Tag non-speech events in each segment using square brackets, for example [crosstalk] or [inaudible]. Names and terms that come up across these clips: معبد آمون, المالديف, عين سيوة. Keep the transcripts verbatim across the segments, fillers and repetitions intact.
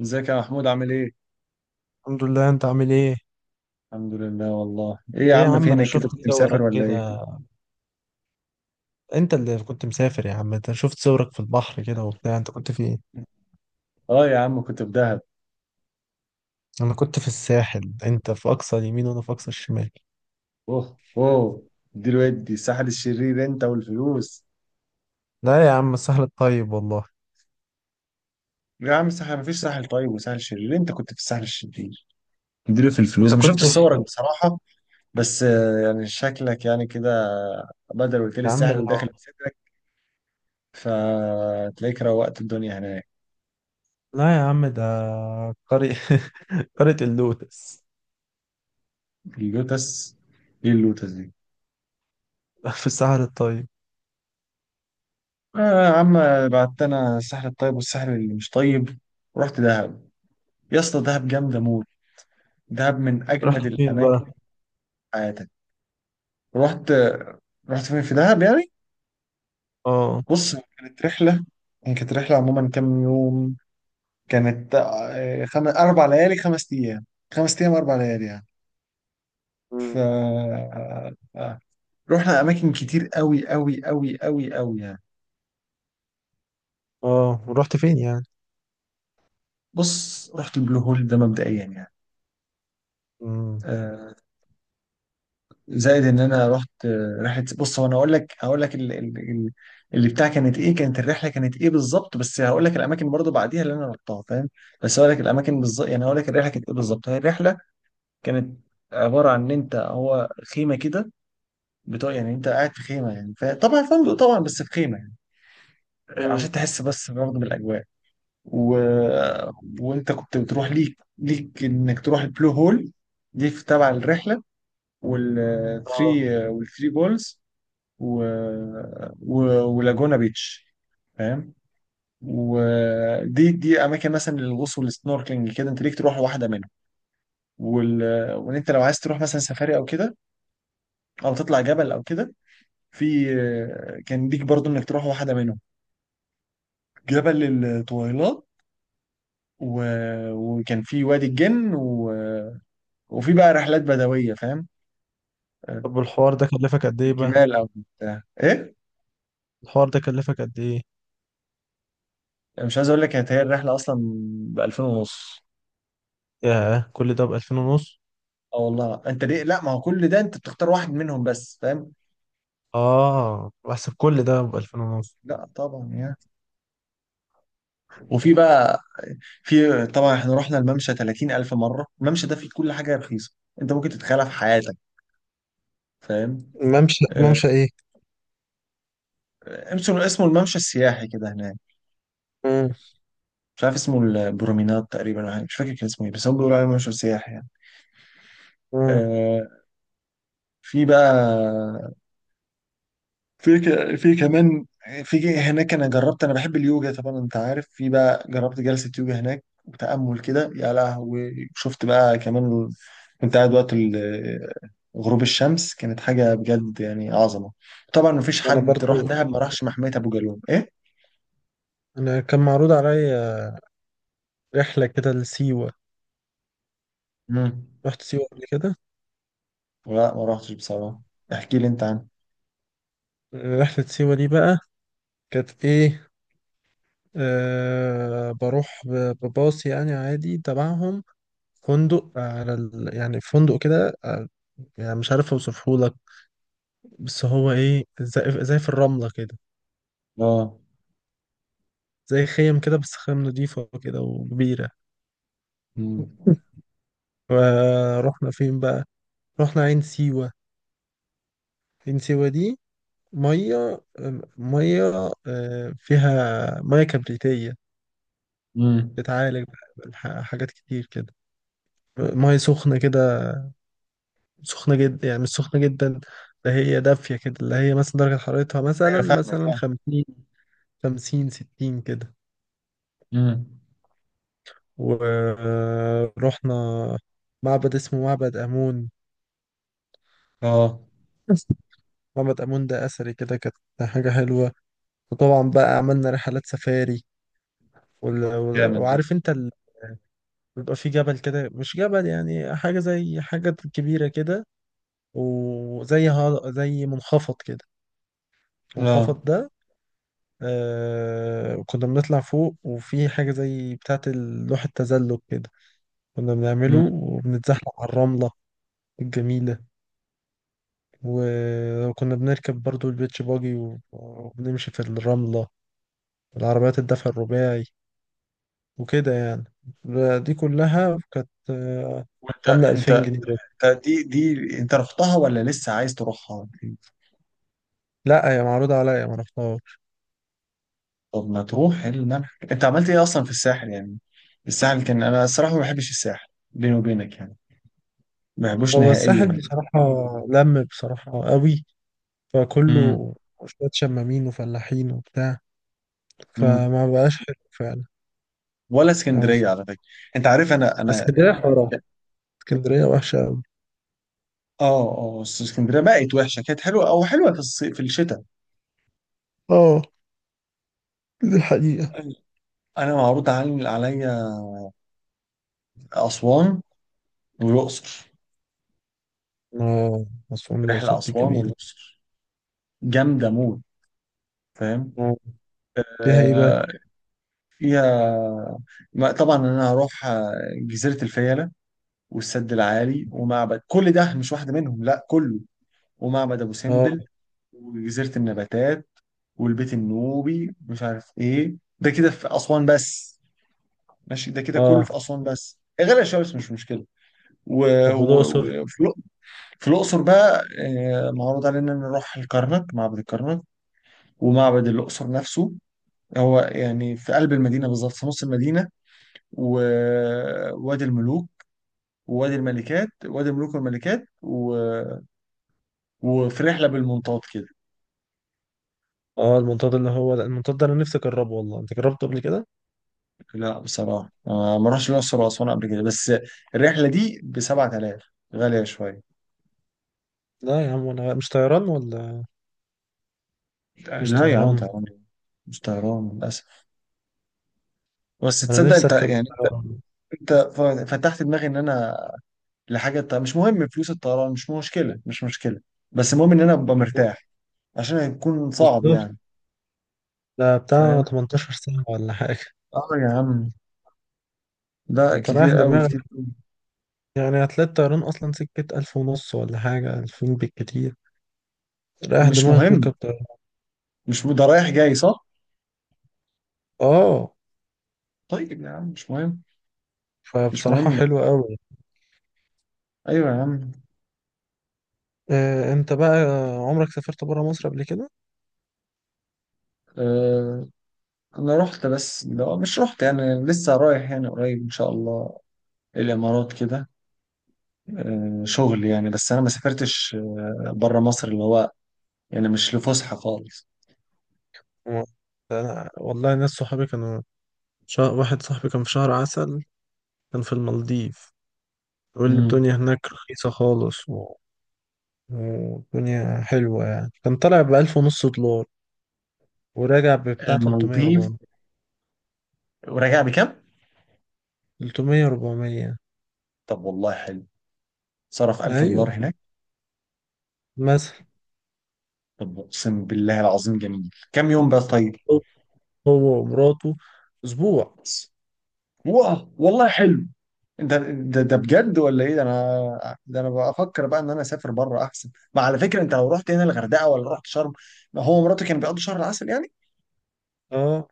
ازيك يا محمود عامل ايه؟ الحمد لله، انت عامل ايه؟ الحمد لله. والله ايه يا ايه يا عم، عم، انا فينك كده؟ شفت كنت مسافر صورك ولا ايه؟ كده. انت اللي كنت مسافر يا عم، انت شفت صورك في البحر كده وبتاع، انت كنت في ايه؟ اه يا عم، كنت في دهب. انا كنت في الساحل، انت في اقصى اليمين وانا في اقصى الشمال. اوه. اوه. دي الودي الساحل الشرير انت والفلوس. لا يا عم، الساحل الطيب والله. يا عم الساحل مفيش ساحل طيب وساحل شرير، انت كنت في الساحل الشرير، اديله في الفلوس. انت انا شفت كنت في. صورك بصراحة. بس آه، يعني شكلك يعني كده. بدل قلت لي يا عم الساحل لا. وداخل بصدرك، فتلاقيك روقت الدنيا هناك. لا يا عم ده. قرية [laughs] قرية اللوتس. اللوتس. ايه اللوتس دي؟ في الساحل الطيب. آه يا عم، بعت انا الساحل الطيب والساحل اللي مش طيب، ورحت دهب. يا اسطى دهب جامده موت، دهب من رحت اجمد فين الاماكن في بقى؟ حياتك. رحت رحت فين في دهب يعني؟ اه. بص، كانت رحله. هي كانت رحله عموما كام يوم؟ كانت آه، خم... اربع ليالي خمس ايام، خمس ايام اربع ليالي يعني. ف مم. آه، آه، رحنا اماكن كتير قوي قوي قوي قوي قوي يعني. اه، ورحت فين يعني؟ بص، رحت البلو هول ده مبدئيا يعني. امم. آه، زائد ان انا رحت رحله. بص، هو انا اقول لك هقول لك ال- ال- ال- اللي بتاع كانت ايه، كانت الرحله كانت ايه بالظبط، بس هقول لك الاماكن برضو بعديها اللي انا رحتها فاهم. بس هقول لك الاماكن بالظبط، يعني هقول لك الرحله كانت ايه بالظبط. هي الرحله كانت عباره عن ان انت هو خيمه كده بتوع، يعني انت قاعد في خيمه يعني، ف- طبعا فندق طبعا بس في خيمه، يعني عشان تحس بس برضه بالاجواء. و... وانت كنت بتروح ليك ليك انك تروح البلو هول، دي في تبع الرحله، اه. والثري والثري بولز، و... و... ولاجونا بيتش، فاهم. ودي دي اماكن مثلا للغوص والسنوركلينج كده، انت ليك تروح واحده منهم. وال... وان انت لو عايز تروح مثلا سفاري او كده، او تطلع جبل او كده، في كان ليك برضو انك تروح واحده منهم، جبل الطويلات، و... وكان في وادي الجن، و... وفي بقى رحلات بدويه فاهم. طب، والحوار ده كلفك قد ايه بقى؟ بالجمال او بتاع ايه. الحوار ده كلفك قد ايه؟ مش عايز اقول لك، كانت هي الرحله اصلا ب الفين ونص. ياه، كل ده ب ألفين ونص؟ اه والله، انت ليه؟ لا ما هو كل ده انت بتختار واحد منهم بس فاهم. اه، بحسب كل ده ب ألفان ونص. لا طبعا يعني. وفي بقى، في طبعا احنا رحنا الممشى تلاتين الف مره. الممشى ده فيه كل حاجه رخيصه انت ممكن تتخيلها في حياتك، فاهم. ممشى، آه، ممشى ايه؟ اسمه اسمه الممشى السياحي كده هناك. مم. مش عارف اسمه البرومينات تقريبا ولا حاجة، مش فاكر كان اسمه ايه، بس هم بيقولوا عليه ممشى سياحي يعني. مم. آه، في بقى، في ك- في كمان في هناك، انا جربت، انا بحب اليوجا طبعا انت عارف، في بقى جربت جلسة يوجا هناك وتأمل كده. يا لهوي، شفت بقى كمان، كنت قاعد وقت ال- غروب الشمس، كانت حاجة بجد يعني عظمة. طبعا مفيش انا حد راح برضو. دهب ما راحش محمية ابو جالوم ايه. انا كان معروض عليا رحله كده لسيوه. مم. رحت سيوه قبل كده؟ لا ما رحتش بصراحة. احكي لي انت عنه. رحله سيوه دي بقى، كانت ايه؟ آه بروح ب- بباص يعني عادي تبعهم. فندق على ال... يعني فندق كده آه، يعني مش عارف اوصفه لك. بس هو ايه، زي زي في الرمله كده. اه. زي خيم كده، بس خيم نضيفه كده وكبيره. مم. ورحنا فين بقى؟ رحنا عين سيوة. عين سيوة دي، مية مية آه، فيها مية كبريتية. مم. بتعالج بح- حاجات كتير كده. مية سخنة كده، سخنة جدا يعني مش سخنة جدا. ده هي دافية كده، اللي هي مثلا درجة حرارتها مثلا ايوه فاهمك مثلا فاهم. خمسين. خمسين ستين كده. مم. ورحنا معبد اسمه معبد آمون. اه معبد آمون ده أثري كده، كانت حاجة حلوة. وطبعا بقى عملنا رحلات سفاري. وال- وال- جامد ده. وعارف انت ال... بيبقى في جبل كده، مش جبل يعني، حاجة زي حاجة كبيرة كده. وزي ها... زي منخفض كده. اه. المنخفض ده آه... كنا بنطلع فوق، وفي حاجة زي بتاعة لوح التزلج كده. كنا بنعمله وبنتزحلق على الرملة الجميلة. و- وكنا بنركب برضو البيتش باجي و- وبنمشي في الرملة، العربيات الدفع الرباعي وكده يعني. دي كلها كانت آه، وانت عاملة انت ألفين جنيه. انت دي دي، انت رحتها ولا لسه عايز تروحها؟ لا، هي معروضة عليا ما رحتهاش. طب ما تروح إيه الملح، انت عملت ايه اصلا في الساحل يعني؟ الساحل كان، انا الصراحه ما بحبش الساحل بيني وبينك يعني، ما بحبوش هو نهائيا الساحل يعني. بصراحة، لم بصراحة قوي، امم. فكله شوية شمامين وفلاحين وبتاع، امم. فما بقاش حلو فعلا. ولا يعني اسكندريه على مش-. فكره. انت عارف انا انا. اسكندرية حرام، اسكندرية وحشة أوي. اه اه، بس اسكندريه بقت وحشه، كانت حلوه او حلوه في الصيف في الشتاء. اه، دي الحقيقة. انا معروض عن- عليا اسوان والاقصر، اه. أسوان الأقصر رحله دي اسوان جميلة. والاقصر جامده موت فاهم. آه، فيها ايه بقى؟ آه، فيها. ما- طبعا انا هروح آه، جزيره الفيله والسد العالي ومعبد، كل ده مش واحده منهم لا كله، ومعبد ابو اه، سمبل وجزيره النباتات والبيت النوبي، مش عارف ايه ده كده في اسوان بس، ماشي ده كده كله اه. في اسوان بس، غير الشمس مش مشكله. و- طب، والأقصر؟ و- وفي الأ- في الاقصر بقى، آه، معروض علينا نروح الكرنك، معبد الكرنك ومعبد الاقصر نفسه، هو يعني في قلب المدينه بالظبط في نص المدينه، ووادي الملوك ووادي الملكات وادي الملوك والملكات، و... وفي رحله بالمنطاد كده. اه، المنطاد اللي هو، لا، المنطاد ده أنا نفسي أجربه والله. أنت جربته قبل كده؟ لا بصراحه، أنا ما رحتش الاقصر واسوان قبل كده، بس الرحله دي ب سبعة آلاف، غاليه شويه. لا يا عم، أنا مش طيران ولا. مش لا يا عم طيران. طبعا، مش طيران للاسف. بس أنا تصدق نفسي انت أركب يعني، طيران. انت ف- فتحت دماغي ان انا لحاجه ط- مش مهم. فلوس الطيران مش مشكله، مش مشكله، بس المهم ان انا ابقى مرتاح، عشان هيكون صعب بالظبط. يعني، ده بتاع فاهم. تمنتاشر ساعة ولا حاجة. اه يا عم، لا انت رايح كتير قوي دماغك، كتير قوي. يعني هتلاقي الطيران اصلا سكة ألف ونص ولا حاجة، ألفين بالكتير. رايح مش دماغك مهم. وركب طيران. مش م- ده رايح جاي صح. اه. طيب يا عم مش مهم. مش فبصراحة مهم. حلوة أوي. ايوه يا عم. آه انت بقى، عمرك سافرت برا مصر قبل كده؟ آه، انا رحت، بس لو مش رحت يعني لسه رايح يعني قريب ان شاء الله، الامارات كده، آه شغل يعني، بس انا ما سافرتش آه بره مصر اللي هو يعني مش لفسحه خالص. و-. أنا والله ناس صحابي كانوا، شا... واحد صاحبي كان في شهر عسل، كان في المالديف. يقول لي امم. الدنيا هناك رخيصة خالص و... والدنيا حلوة، يعني كان طالع بألف ونص دولار وراجع ببتاع ثلاثمائة المالديف، اربعمية. وراجع بكام؟ ثلاثمائة اربعمية. طب والله حلو، صرف 1000 ايوه، دولار هناك. مثلا. طب اقسم بالله العظيم جميل، كام يوم بقى طيب؟ هو هو ومراته، اسبوع بس. واو والله حلو. ده ده ده بجد ولا ايه؟ ده انا، ده انا بفكر بقى ان انا اسافر بره احسن. ما على فكره، انت لو رحت هنا الغردقه ولا رحت شرم، ما هو مراتي كان بيقضي شهر العسل يعني، اه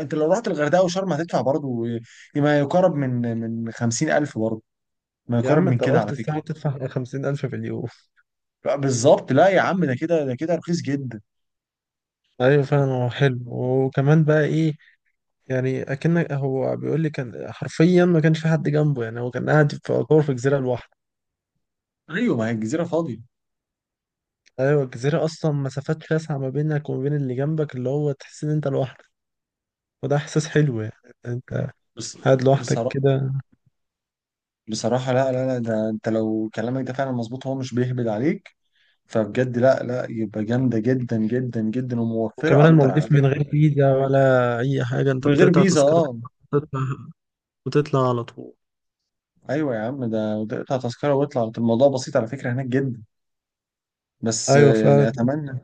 انت لو رحت الغردقه وشرم هتدفع برضه ما يقارب من من خمسين الف برضه، ما يا يقارب عم، من انت لو كده رحت على فكره. الساعه تدفع [laughs] خمسين ألف في اليوم. لا بالظبط، لا يا عم، ده كده ده كده رخيص جدا. ايوه فعلا، هو حلو، وكمان بقى ايه؟ يعني اكنك، هو بيقول لي كان حرفيا ما كانش في حد جنبه، يعني هو كان قاعد في، يعتبر في جزيره لوحده. ايوه ما هي الجزيره فاضيه. ايوه، الجزيره اصلا مسافات شاسعه ما بينك وما بين اللي جنبك، اللي هو تحس ان انت لوحدك. وده احساس حلو يعني. انت بس قاعد لوحدك بصراحه، كده. بصراحه لا لا لا، ده انت لو كلامك ده فعلا مظبوط هو مش بيهبد عليك، فبجد لا لا، يبقى جامده جدا جدا جدا وموفره وكمان اكتر على المالديف من فكره. غير فيزا ولا اي حاجه، انت من غير بتقطع فيزا تذكره اه. وتطلع وتطلع على طول. ايوه يا عم، ده ده اقطع تذكره واطلع، الموضوع بسيط على فكره هناك جدا. بس ايوه آه، يعني فعلا. اتمنى،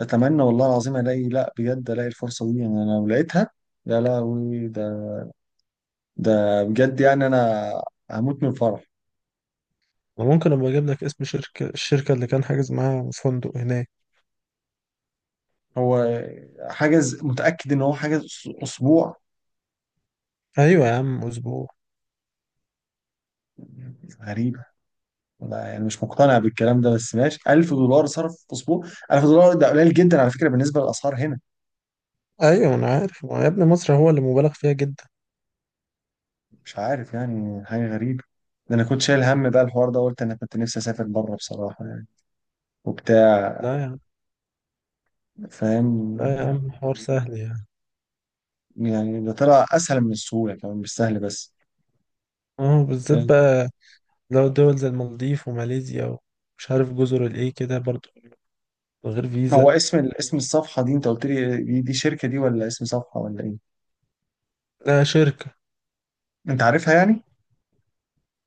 اتمنى والله العظيم الاقي، لا بجد الاقي الفرصه دي يعني، انا لو لقيتها يا لهوي، ده ده بجد يعني، انا هموت من الفرح. ممكن ابقى اجيب لك اسم شركه، الشركه اللي كان حاجز معاها فندق هناك. هو حاجز، متاكد ان هو حاجز أس- اسبوع؟ ايوه يا عم، اسبوع. غريبه. لا يعني مش مقتنع بالكلام ده، بس ماشي، الف دولار صرف في اسبوع، الف دولار ده قليل جدا على فكره بالنسبه للاسعار هنا. ايوه انا عارف، ما يا ابني مصر هو اللي مبالغ فيها جدا. مش عارف يعني، حاجة غريبة. ده أنا كنت شايل هم بقى الحوار ده، قلت أنا كنت نفسي أسافر بره بصراحة يعني، وبتاع، لا يا عم. فاهم. لا يا عم، حوار سهل يعني. يعني ده طلع أسهل من السهولة، كمان مش سهل بس. اه، بالذات آه، بقى. لو دول زي المالديف وماليزيا ومش عارف جزر الايه كده برضو، من غير هو فيزا. اسم ال- اسم الصفحة دي، أنت قلت لي دي, دي شركة دي ولا اسم صفحة ولا إيه؟ لا، شركه. أنت عارفها يعني؟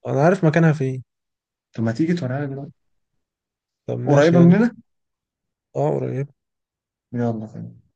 انا عارف مكانها فين. طب ما تيجي توريها لي دلوقتي. طب، ماشي، قريبة يلا. مننا؟ اه، قريب. يلا.